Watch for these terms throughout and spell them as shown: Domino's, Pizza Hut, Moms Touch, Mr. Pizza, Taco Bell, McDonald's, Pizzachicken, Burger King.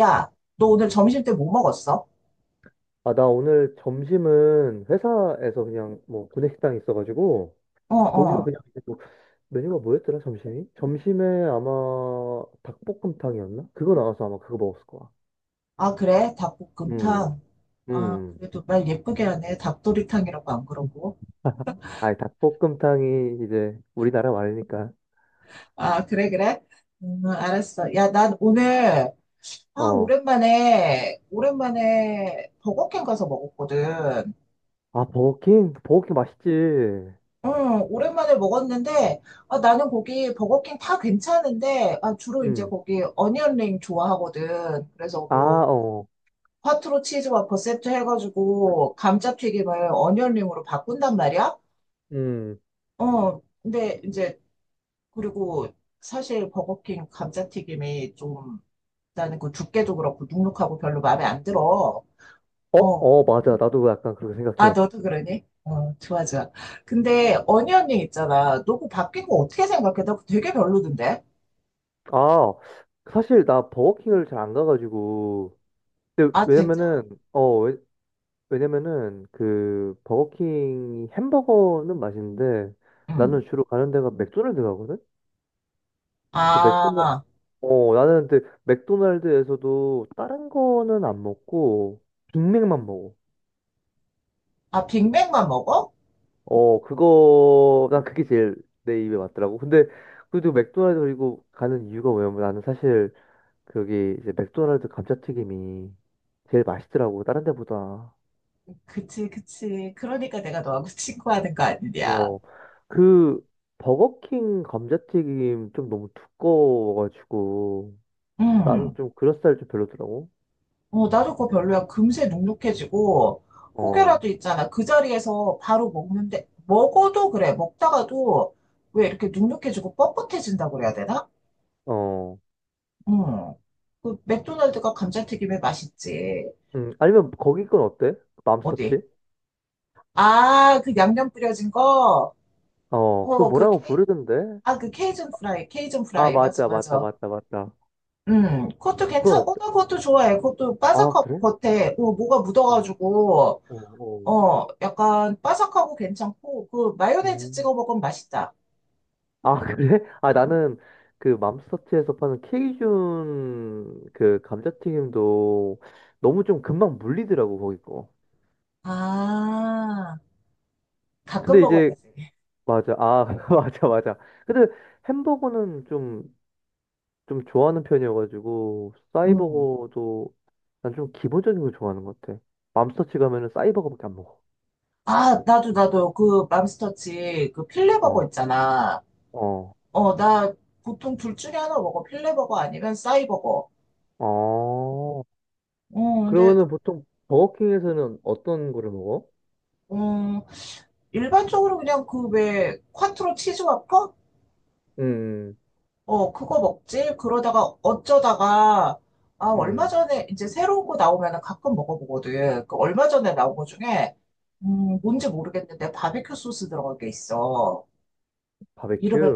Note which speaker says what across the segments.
Speaker 1: 야, 너 오늘 점심 때 뭐 먹었어?
Speaker 2: 아, 나 오늘 점심은 회사에서 그냥 뭐 구내식당이 있어가지고
Speaker 1: 어,
Speaker 2: 거기서
Speaker 1: 어.
Speaker 2: 그냥 이제 뭐 메뉴가 뭐였더라 점심이? 점심에 아마 닭볶음탕이었나? 그거 나와서 아마 그거 먹었을 거야.
Speaker 1: 아, 그래?
Speaker 2: 음.
Speaker 1: 닭볶음탕. 아,
Speaker 2: 음.
Speaker 1: 그래도 말 예쁘게 하네. 닭도리탕이라고 안 그러고.
Speaker 2: 아니 닭볶음탕이 이제 우리나라 말이니까.
Speaker 1: 아, 그래, 그래? 알았어. 야, 난 오늘, 아,
Speaker 2: 어.
Speaker 1: 오랜만에 버거킹 가서 먹었거든.
Speaker 2: 아 버거킹? 버거킹 맛있지.
Speaker 1: 응, 오랜만에 먹었는데, 아, 나는 거기 버거킹 다 괜찮은데, 아, 주로 이제
Speaker 2: 음.
Speaker 1: 거기 어니언링 좋아하거든. 그래서
Speaker 2: 아,
Speaker 1: 뭐,
Speaker 2: 어.
Speaker 1: 화투로 치즈와 버셉트 해가지고 감자튀김을 어니언링으로 바꾼단 말이야?
Speaker 2: 음.
Speaker 1: 어, 근데 이제, 그리고 사실 버거킹 감자튀김이 좀, 나는 그 두께도 그렇고 눅눅하고 별로 마음에 안 들어.
Speaker 2: 어,
Speaker 1: 어,
Speaker 2: 어, 맞아. 나도 약간 그렇게
Speaker 1: 아,
Speaker 2: 생각해.
Speaker 1: 너도 그러니? 어, 좋아, 좋아. 근데 어니언링 있잖아. 너 그거 바뀐 거 어떻게 생각해? 나 그거 되게 별로던데?
Speaker 2: 아, 사실 나 버거킹을 잘 안 가가지고. 근데
Speaker 1: 아,
Speaker 2: 왜냐면은
Speaker 1: 진짜?
Speaker 2: 어 왜냐면은 그 버거킹 햄버거는 맛있는데 나는
Speaker 1: 응.
Speaker 2: 주로 가는 데가 맥도날드 가거든? 또 맥도날
Speaker 1: 아,
Speaker 2: 어 나는 근데 맥도날드에서도 다른 거는 안 먹고 빅맥만 먹어.
Speaker 1: 아, 빅맥만 먹어?
Speaker 2: 어, 그거 난 그게 제일 내 입에 맞더라고. 근데 그래도 맥도날드 그리고 가는 이유가 뭐냐면 나는 사실 거기 이제 맥도날드 감자튀김이 제일 맛있더라고 다른 데보다.
Speaker 1: 그치, 그치. 그러니까 내가 너하고 친구하는 거 아니냐.
Speaker 2: 어, 그 버거킹 감자튀김 좀 너무 두꺼워가지고 나는
Speaker 1: 음.
Speaker 2: 좀 그럴싸할 좀 별로더라고.
Speaker 1: 어, 나도 그거 별로야. 금세 눅눅해지고,
Speaker 2: 어,
Speaker 1: 혹여라도 있잖아. 그 자리에서 바로 먹는데, 먹어도 그래. 먹다가도 왜 이렇게 눅눅해지고 뻣뻣해진다고 그래야 되나?
Speaker 2: 어,
Speaker 1: 응. 그 맥도날드가 감자튀김에 맛있지.
Speaker 2: 아니면 거기 건 어때?
Speaker 1: 어디?
Speaker 2: 맘스터치?
Speaker 1: 아, 그 양념 뿌려진 거?
Speaker 2: 어, 그거
Speaker 1: 어, 그
Speaker 2: 뭐라고
Speaker 1: 케이,
Speaker 2: 부르던데?
Speaker 1: 아, 그 케이준 프라이, 케이준
Speaker 2: 아,
Speaker 1: 프라이. 맞아,
Speaker 2: 맞아, 맞다,
Speaker 1: 맞아.
Speaker 2: 맞다, 맞다.
Speaker 1: 그것도 괜찮,
Speaker 2: 그건
Speaker 1: 어,
Speaker 2: 어때?
Speaker 1: 나 그것도 좋아해. 그것도
Speaker 2: 아,
Speaker 1: 바삭하고
Speaker 2: 그래?
Speaker 1: 겉에, 어, 뭐가
Speaker 2: 어,
Speaker 1: 묻어가지고,
Speaker 2: 어, 어.
Speaker 1: 어, 약간 바삭하고 괜찮고, 그 마요네즈
Speaker 2: 음.
Speaker 1: 찍어 먹으면 맛있다.
Speaker 2: 아, 그래? 아, 나는 그 맘스터치에서 파는 케이준 그 감자튀김도 너무 좀 금방 물리더라고, 거기 거.
Speaker 1: 아, 가끔
Speaker 2: 근데 이제
Speaker 1: 먹어야지.
Speaker 2: 맞아. 아, 맞아, 맞아. 근데 햄버거는 좀, 좀 좋아하는 편이어가지고,
Speaker 1: 음.
Speaker 2: 싸이버거도 난 좀 기본적인 걸 좋아하는 것 같아. 맘스터치 가면은 싸이버거밖에 안 먹어.
Speaker 1: 아, 나도, 나도, 그, 맘스터치, 그, 필레버거
Speaker 2: 어,
Speaker 1: 있잖아.
Speaker 2: 어,
Speaker 1: 어, 나, 보통 둘 중에 하나 먹어. 필레버거 아니면 싸이버거.
Speaker 2: 어.
Speaker 1: 어, 근데,
Speaker 2: 그러면은 보통 버거킹에서는 어떤 거를 먹어?
Speaker 1: 음, 일반적으로 그냥 그, 왜, 콰트로 치즈 와퍼?
Speaker 2: 음.
Speaker 1: 어, 그거 먹지? 그러다가 어쩌다가, 아, 얼마
Speaker 2: 음.
Speaker 1: 전에, 이제 새로운 거 나오면 가끔 먹어보거든. 그 얼마 전에 나온 거 중에, 뭔지 모르겠는데, 바베큐 소스 들어간 게 있어.
Speaker 2: 바베큐?
Speaker 1: 이름을,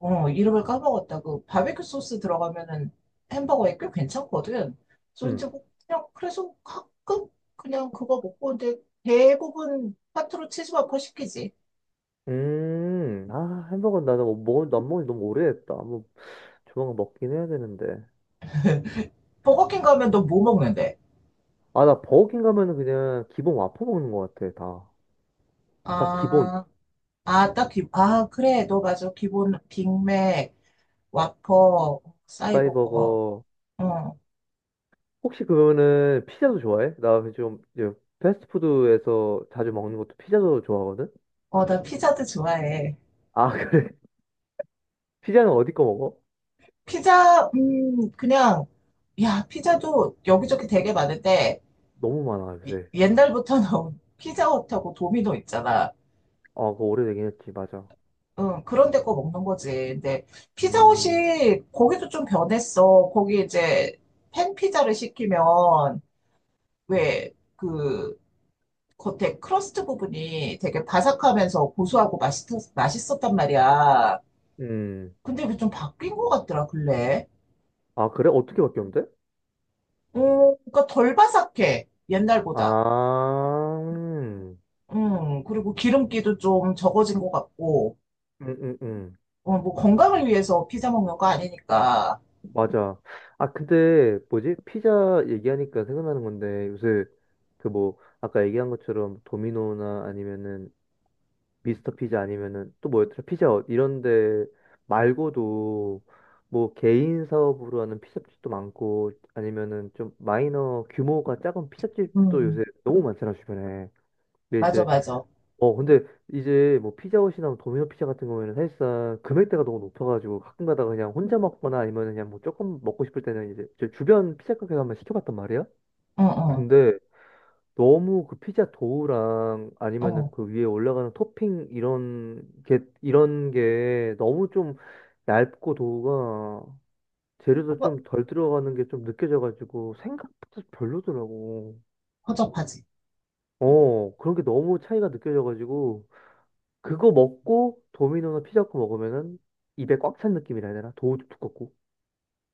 Speaker 1: 어, 이름을 까먹었다. 그 바베큐 소스 들어가면은 햄버거에 꽤 괜찮거든. 그래서 이제
Speaker 2: 음.
Speaker 1: 뭐 그냥, 그래서 가끔 그냥 그거 먹고, 근데 대부분 파트로 치즈버거 시키지.
Speaker 2: 음. 아, 햄버거 나는 뭐 난 먹은 지 너무 오래됐다. 뭐, 조만간 먹긴 해야 되는데.
Speaker 1: 버거킹 가면 너 뭐 먹는데?
Speaker 2: 아, 나 버거킹 가면은 그냥 기본 와퍼 먹는 것 같아, 다. 다 기본.
Speaker 1: 아, 아, 딱히, 아, 그래, 너 맞아. 기본 빅맥, 와퍼, 사이버거.
Speaker 2: 사이버거.
Speaker 1: 어,
Speaker 2: 혹시 그거는 피자도 좋아해? 나 좀 이제 패스트푸드에서 자주 먹는 것도 피자도 좋아하거든?
Speaker 1: 어, 나 피자도 좋아해.
Speaker 2: 아, 그래? 피자는 어디 거 먹어?
Speaker 1: 피자, 그냥, 야, 피자도 여기저기 되게 많은데,
Speaker 2: 너무 많아,
Speaker 1: 이-
Speaker 2: 요새.
Speaker 1: 옛날부터 나온 피자헛하고 도미노 있잖아.
Speaker 2: 아, 그거 오래되긴 했지, 맞아.
Speaker 1: 응, 그런 데 거 먹는 거지. 근데
Speaker 2: 음.
Speaker 1: 피자헛이 거기도 좀 변했어. 거기 이제 팬피자를 시키면, 왜, 그, 겉에 크러스트 부분이 되게 바삭하면서 고소하고 맛있, 맛있었단 말이야.
Speaker 2: 음.
Speaker 1: 근데 이게 좀 바뀐 것 같더라, 근래.
Speaker 2: 아, 그래? 어떻게 바뀌었는데?
Speaker 1: 어, 그러니까 덜 바삭해, 옛날보다.
Speaker 2: 아. 음.
Speaker 1: 그리고 기름기도 좀 적어진 것 같고,
Speaker 2: 음. 음.
Speaker 1: 어, 뭐 건강을 위해서 피자 먹는 거 아니니까.
Speaker 2: 맞아. 아, 근데 뭐지? 피자 얘기하니까 생각나는 건데 요새 그 뭐 아까 얘기한 것처럼 도미노나 아니면은 미스터 피자 아니면은 또 뭐였더라? 피자헛 이런 데 말고도 뭐 개인 사업으로 하는 피자집도 많고 아니면은 좀 마이너 규모가 작은 피자집도
Speaker 1: 음,
Speaker 2: 요새 너무 많잖아 주변에. 근데
Speaker 1: 맞아,
Speaker 2: 이제
Speaker 1: 맞아.
Speaker 2: 근데 이제 뭐 피자헛이나 도미노 피자 같은 경우에는 사실상 금액대가 너무 높아가지고 가끔 가다가 그냥 혼자 먹거나 아니면 그냥 뭐 조금 먹고 싶을 때는 이제 제 주변 피자 가게 가면 시켜봤단 말이야.
Speaker 1: 응, 응,
Speaker 2: 근데 너무 그 피자 도우랑 아니면은
Speaker 1: 어,
Speaker 2: 그 위에 올라가는 토핑 이런 게 너무 좀 얇고 도우가 재료도
Speaker 1: 허,
Speaker 2: 좀 덜 들어가는 게 좀 느껴져가지고 생각보다 별로더라고.
Speaker 1: 허접하지.
Speaker 2: 어, 그런 게 너무 차이가 느껴져가지고 그거 먹고 도미노나 피자 먹고 먹으면은 입에 꽉 찬 느낌이라 해야 되나? 도우도 두껍고.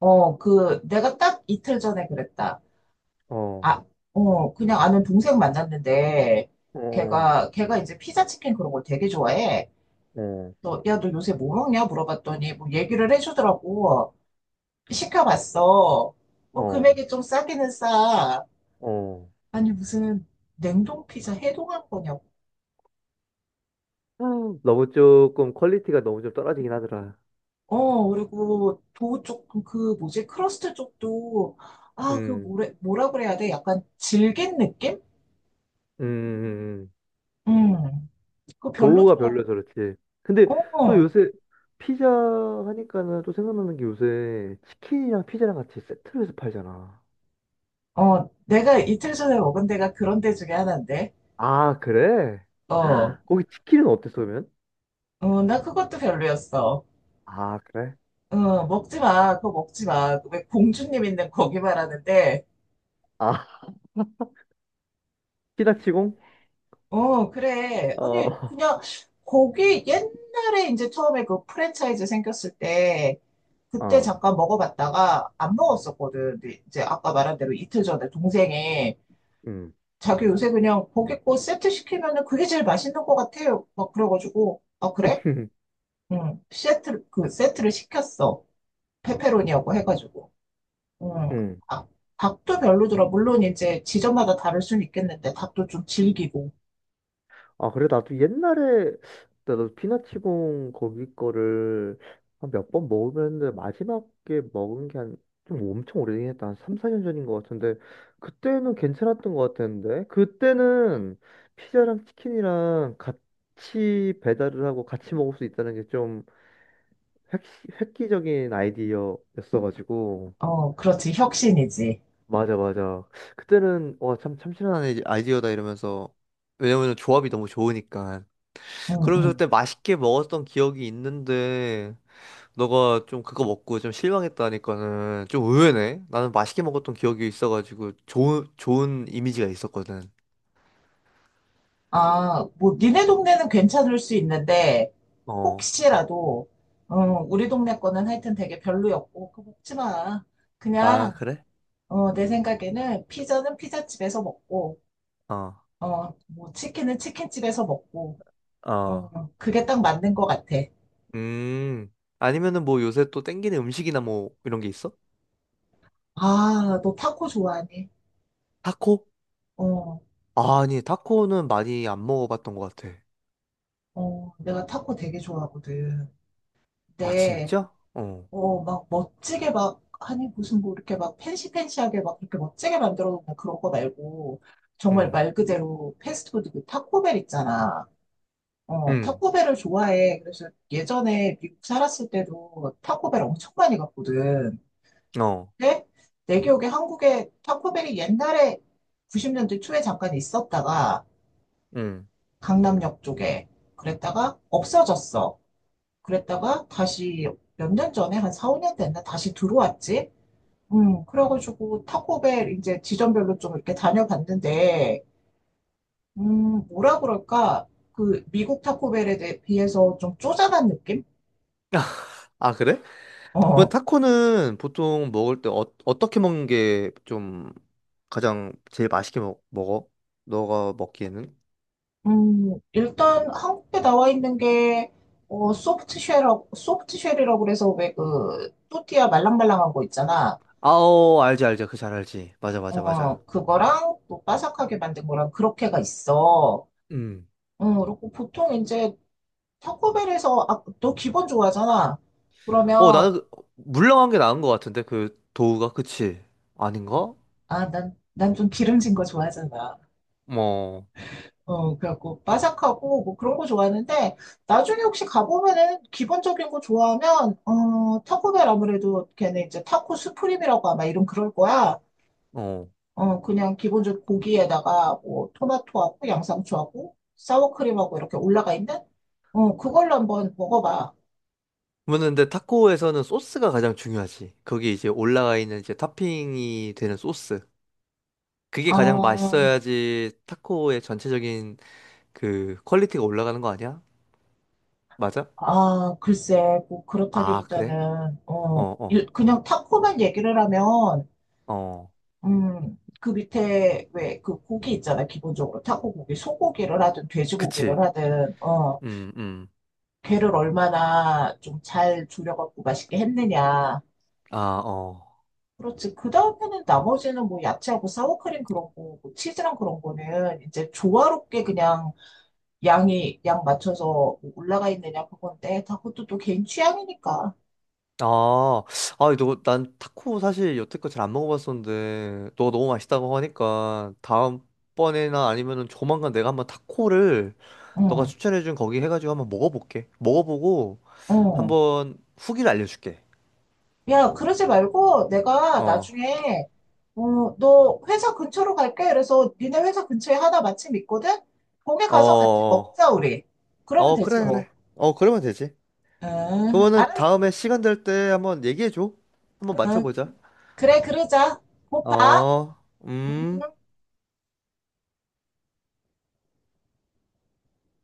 Speaker 1: 어, 그, 내가 딱 이틀 전에 그랬다.
Speaker 2: 어.
Speaker 1: 아, 어, 그냥 아는 동생 만났는데,
Speaker 2: 어.
Speaker 1: 걔가 이제 피자 치킨 그런 걸 되게 좋아해.
Speaker 2: 어.
Speaker 1: 너, 야, 너 요새 뭐 먹냐? 물어봤더니, 뭐 얘기를 해주더라고. 시켜봤어. 뭐
Speaker 2: 어.
Speaker 1: 금액이 좀 싸기는 싸.
Speaker 2: 어.
Speaker 1: 아니, 무슨 냉동 피자 해동한 거냐고.
Speaker 2: 너무 조금 퀄리티가 너무 좀 떨어지긴 하더라.
Speaker 1: 어, 그리고 도우 쪽, 그 뭐지, 크러스트 쪽도, 아, 그
Speaker 2: 음.
Speaker 1: 뭐래, 뭐라 그래야 돼? 약간 질긴 느낌?
Speaker 2: 음. 음. 음.
Speaker 1: 음, 그거
Speaker 2: 더우가
Speaker 1: 별로더라.
Speaker 2: 별로여서 그렇지. 근데 또
Speaker 1: 어.
Speaker 2: 요새 피자 하니까는 또 생각나는 게 요새 치킨이랑 피자랑 같이 세트로 해서 팔잖아.
Speaker 1: 어, 내가 이틀 전에 먹은 데가 그런 데 중에 하나인데.
Speaker 2: 아, 그래?
Speaker 1: 어,
Speaker 2: 거기 치킨은 어땠어, 그러면?
Speaker 1: 어, 나 그것도 별로였어.
Speaker 2: 아, 그래?
Speaker 1: 어, 먹지 마. 그거 먹지 마. 그왜 공주님 있는 거기 말하는데.
Speaker 2: 아, 피자치공?
Speaker 1: 어, 그래.
Speaker 2: 어,
Speaker 1: 아니, 그냥 거기 옛날에 이제 처음에 그 프랜차이즈 생겼을 때 그때
Speaker 2: 어,
Speaker 1: 잠깐 먹어봤다가 안 먹었었거든. 근데 이제 아까 말한 대로 이틀 전에 동생이
Speaker 2: 음,
Speaker 1: 자기 요새 그냥 고기 고 세트 시키면은 그게 제일 맛있는 것 같아요. 막 그래가지고, 아, 그래? 응, 세트, 그 세트를 시켰어. 페페로니하고 해가지고. 응,
Speaker 2: 음.
Speaker 1: 아, 닭도 별로더라. 물론 이제 지점마다 다를 수는 있겠는데, 닭도 좀 질기고.
Speaker 2: 아, 그래, 나도 옛날에, 나도 피나치공 거기 거를 한 몇 번 먹으면서 마지막에 먹은 게 한, 좀 엄청 오래되긴 했다. 한 3, 4년 전인 것 같은데, 그때는 괜찮았던 것 같았는데, 그때는 피자랑 치킨이랑 같이 배달을 하고 같이 먹을 수 있다는 게 좀 획기적인 아이디어였어가지고,
Speaker 1: 어, 그렇지. 혁신이지.
Speaker 2: 맞아, 맞아. 그때는, 와, 참, 참신한 아이디어다 이러면서, 왜냐면 조합이 너무 좋으니까.
Speaker 1: 응,
Speaker 2: 그러면서
Speaker 1: 응.
Speaker 2: 그때 맛있게 먹었던 기억이 있는데, 너가 좀 그거 먹고 좀 실망했다니까는 좀 의외네. 나는 맛있게 먹었던 기억이 있어가지고 좋은 이미지가 있었거든.
Speaker 1: 아, 뭐, 니네 동네는 괜찮을 수 있는데,
Speaker 2: 어.
Speaker 1: 혹시라도, 어, 우리 동네 거는 하여튼 되게 별로였고, 그거 먹지 마.
Speaker 2: 아,
Speaker 1: 그냥,
Speaker 2: 그래?
Speaker 1: 어, 내 생각에는 피자는 피자집에서 먹고,
Speaker 2: 어.
Speaker 1: 어, 뭐, 치킨은 치킨집에서 먹고,
Speaker 2: 어.
Speaker 1: 어, 그게 딱 맞는 것 같아.
Speaker 2: 음. 아니면은 뭐 요새 또 땡기는 음식이나 뭐 이런 게 있어?
Speaker 1: 아, 너 타코 좋아하니?
Speaker 2: 타코?
Speaker 1: 어,
Speaker 2: 아, 아니, 타코는 많이 안 먹어봤던 것 같아.
Speaker 1: 어, 내가 타코 되게 좋아하거든.
Speaker 2: 아,
Speaker 1: 근데,
Speaker 2: 진짜? 어.
Speaker 1: 어, 막 멋지게 막, 아니, 무슨 뭐 이렇게 막 팬시팬시하게 막 그렇게 멋지게 만들어 놓는 그런 거 말고, 정말
Speaker 2: 응.
Speaker 1: 말 그대로 패스트푸드 그 타코벨 있잖아. 어,
Speaker 2: 응.
Speaker 1: 타코벨을 좋아해. 그래서 예전에 미국 살았을 때도 타코벨 엄청 많이 갔거든.
Speaker 2: 어.
Speaker 1: 근데 내 기억에 한국에 타코벨이 옛날에 90년대 초에 잠깐 있었다가,
Speaker 2: 응.
Speaker 1: 강남역 쪽에. 그랬다가 없어졌어. 그랬다가 다시 몇 년 전에 한 4, 5년 됐나 다시 들어왔지. 그래가지고 타코벨 이제 지점별로 좀 이렇게 다녀봤는데, 뭐라 그럴까? 그 미국 타코벨에 대해 비해서 좀 쪼잔한 느낌?
Speaker 2: 아, 그래? 뭐
Speaker 1: 어.
Speaker 2: 타코는 보통 먹을 때 어떻게 먹는 게 좀 가장 제일 맛있게 먹어? 너가 먹기에는?
Speaker 1: 일단 한국에 나와 있는 게 어, 소프트쉘이라고 그래서 왜 그 또띠아 말랑말랑한 거 있잖아.
Speaker 2: 아오, 알지, 알지. 그 잘 알지. 맞아, 맞아, 맞아.
Speaker 1: 어, 그거랑 또 바삭하게 만든 거랑 그렇게가 있어.
Speaker 2: 음.
Speaker 1: 응, 그리고 보통 이제 타코벨에서, 아, 너 기본 좋아하잖아.
Speaker 2: 어,
Speaker 1: 그러면,
Speaker 2: 나는 물렁한 게 나은 것 같은데 그 도우가 그치? 아닌가?
Speaker 1: 아, 난 좀 기름진 거 좋아하잖아.
Speaker 2: 뭐,
Speaker 1: 어, 그래갖고 바삭하고 뭐 그런 거 좋아하는데, 나중에 혹시 가보면은 기본적인 거 좋아하면, 어, 타코벨 아무래도 걔네 이제 타코 스프림이라고 아마 이름 그럴 거야.
Speaker 2: 어.
Speaker 1: 어, 그냥 기본적으로 고기에다가 뭐 토마토하고 양상추하고 사워크림하고 이렇게 올라가 있는? 어, 그걸로 한번 먹어봐.
Speaker 2: 그러면 근데 타코에서는 소스가 가장 중요하지. 거기 이제 올라가 있는 이제 토핑이 되는 소스. 그게 가장
Speaker 1: 아,
Speaker 2: 맛있어야지 타코의 전체적인 그 퀄리티가 올라가는 거 아니야? 맞아?
Speaker 1: 아, 글쎄, 뭐
Speaker 2: 아, 그래?
Speaker 1: 그렇다기보다는,
Speaker 2: 어,
Speaker 1: 어, 일-
Speaker 2: 어,
Speaker 1: 그냥 타코만 얘기를 하면,
Speaker 2: 어.
Speaker 1: 그 밑에 왜 그 고기 있잖아, 기본적으로. 타코 고기, 소고기를 하든 돼지고기를
Speaker 2: 그치.
Speaker 1: 하든, 어,
Speaker 2: 음. 음.
Speaker 1: 걔를 얼마나 좀 잘 졸여갖고 맛있게 했느냐.
Speaker 2: 아, 어.
Speaker 1: 그렇지. 그 다음에는 나머지는 뭐 야채하고 사워크림 그런 거, 뭐 치즈랑 그런 거는 이제 조화롭게 그냥 양이, 양 맞춰서 뭐 올라가 있느냐 그건데, 다 그것도 또 개인 취향이니까.
Speaker 2: 아, 아, 이너난 타코 사실 여태껏 잘 안 먹어봤었는데, 너가 너무 맛있다고 하니까, 다음번에나 아니면은 조만간 내가 한번 타코를 너가
Speaker 1: 응,
Speaker 2: 추천해준 거기 해가지고 한번 먹어볼게. 먹어보고,
Speaker 1: 응.
Speaker 2: 한번 후기를 알려줄게.
Speaker 1: 야, 그러지 말고 내가
Speaker 2: 어,
Speaker 1: 나중에, 어, 너 회사 근처로 갈게. 그래서 니네 회사 근처에 하나 마침 있거든? 거기
Speaker 2: 어,
Speaker 1: 가서 같이
Speaker 2: 어, 어,
Speaker 1: 먹자, 우리. 그러면
Speaker 2: 어,
Speaker 1: 되지,
Speaker 2: 그래,
Speaker 1: 뭐.
Speaker 2: 그래. 어, 그러면 되지.
Speaker 1: 응,
Speaker 2: 그러면은
Speaker 1: 알았어.
Speaker 2: 다음에 시간 될 때 한번 얘기해줘. 한번
Speaker 1: 응,
Speaker 2: 맞춰보자.
Speaker 1: 그래, 그러자. 곧 봐.
Speaker 2: 어,
Speaker 1: 응.
Speaker 2: 음.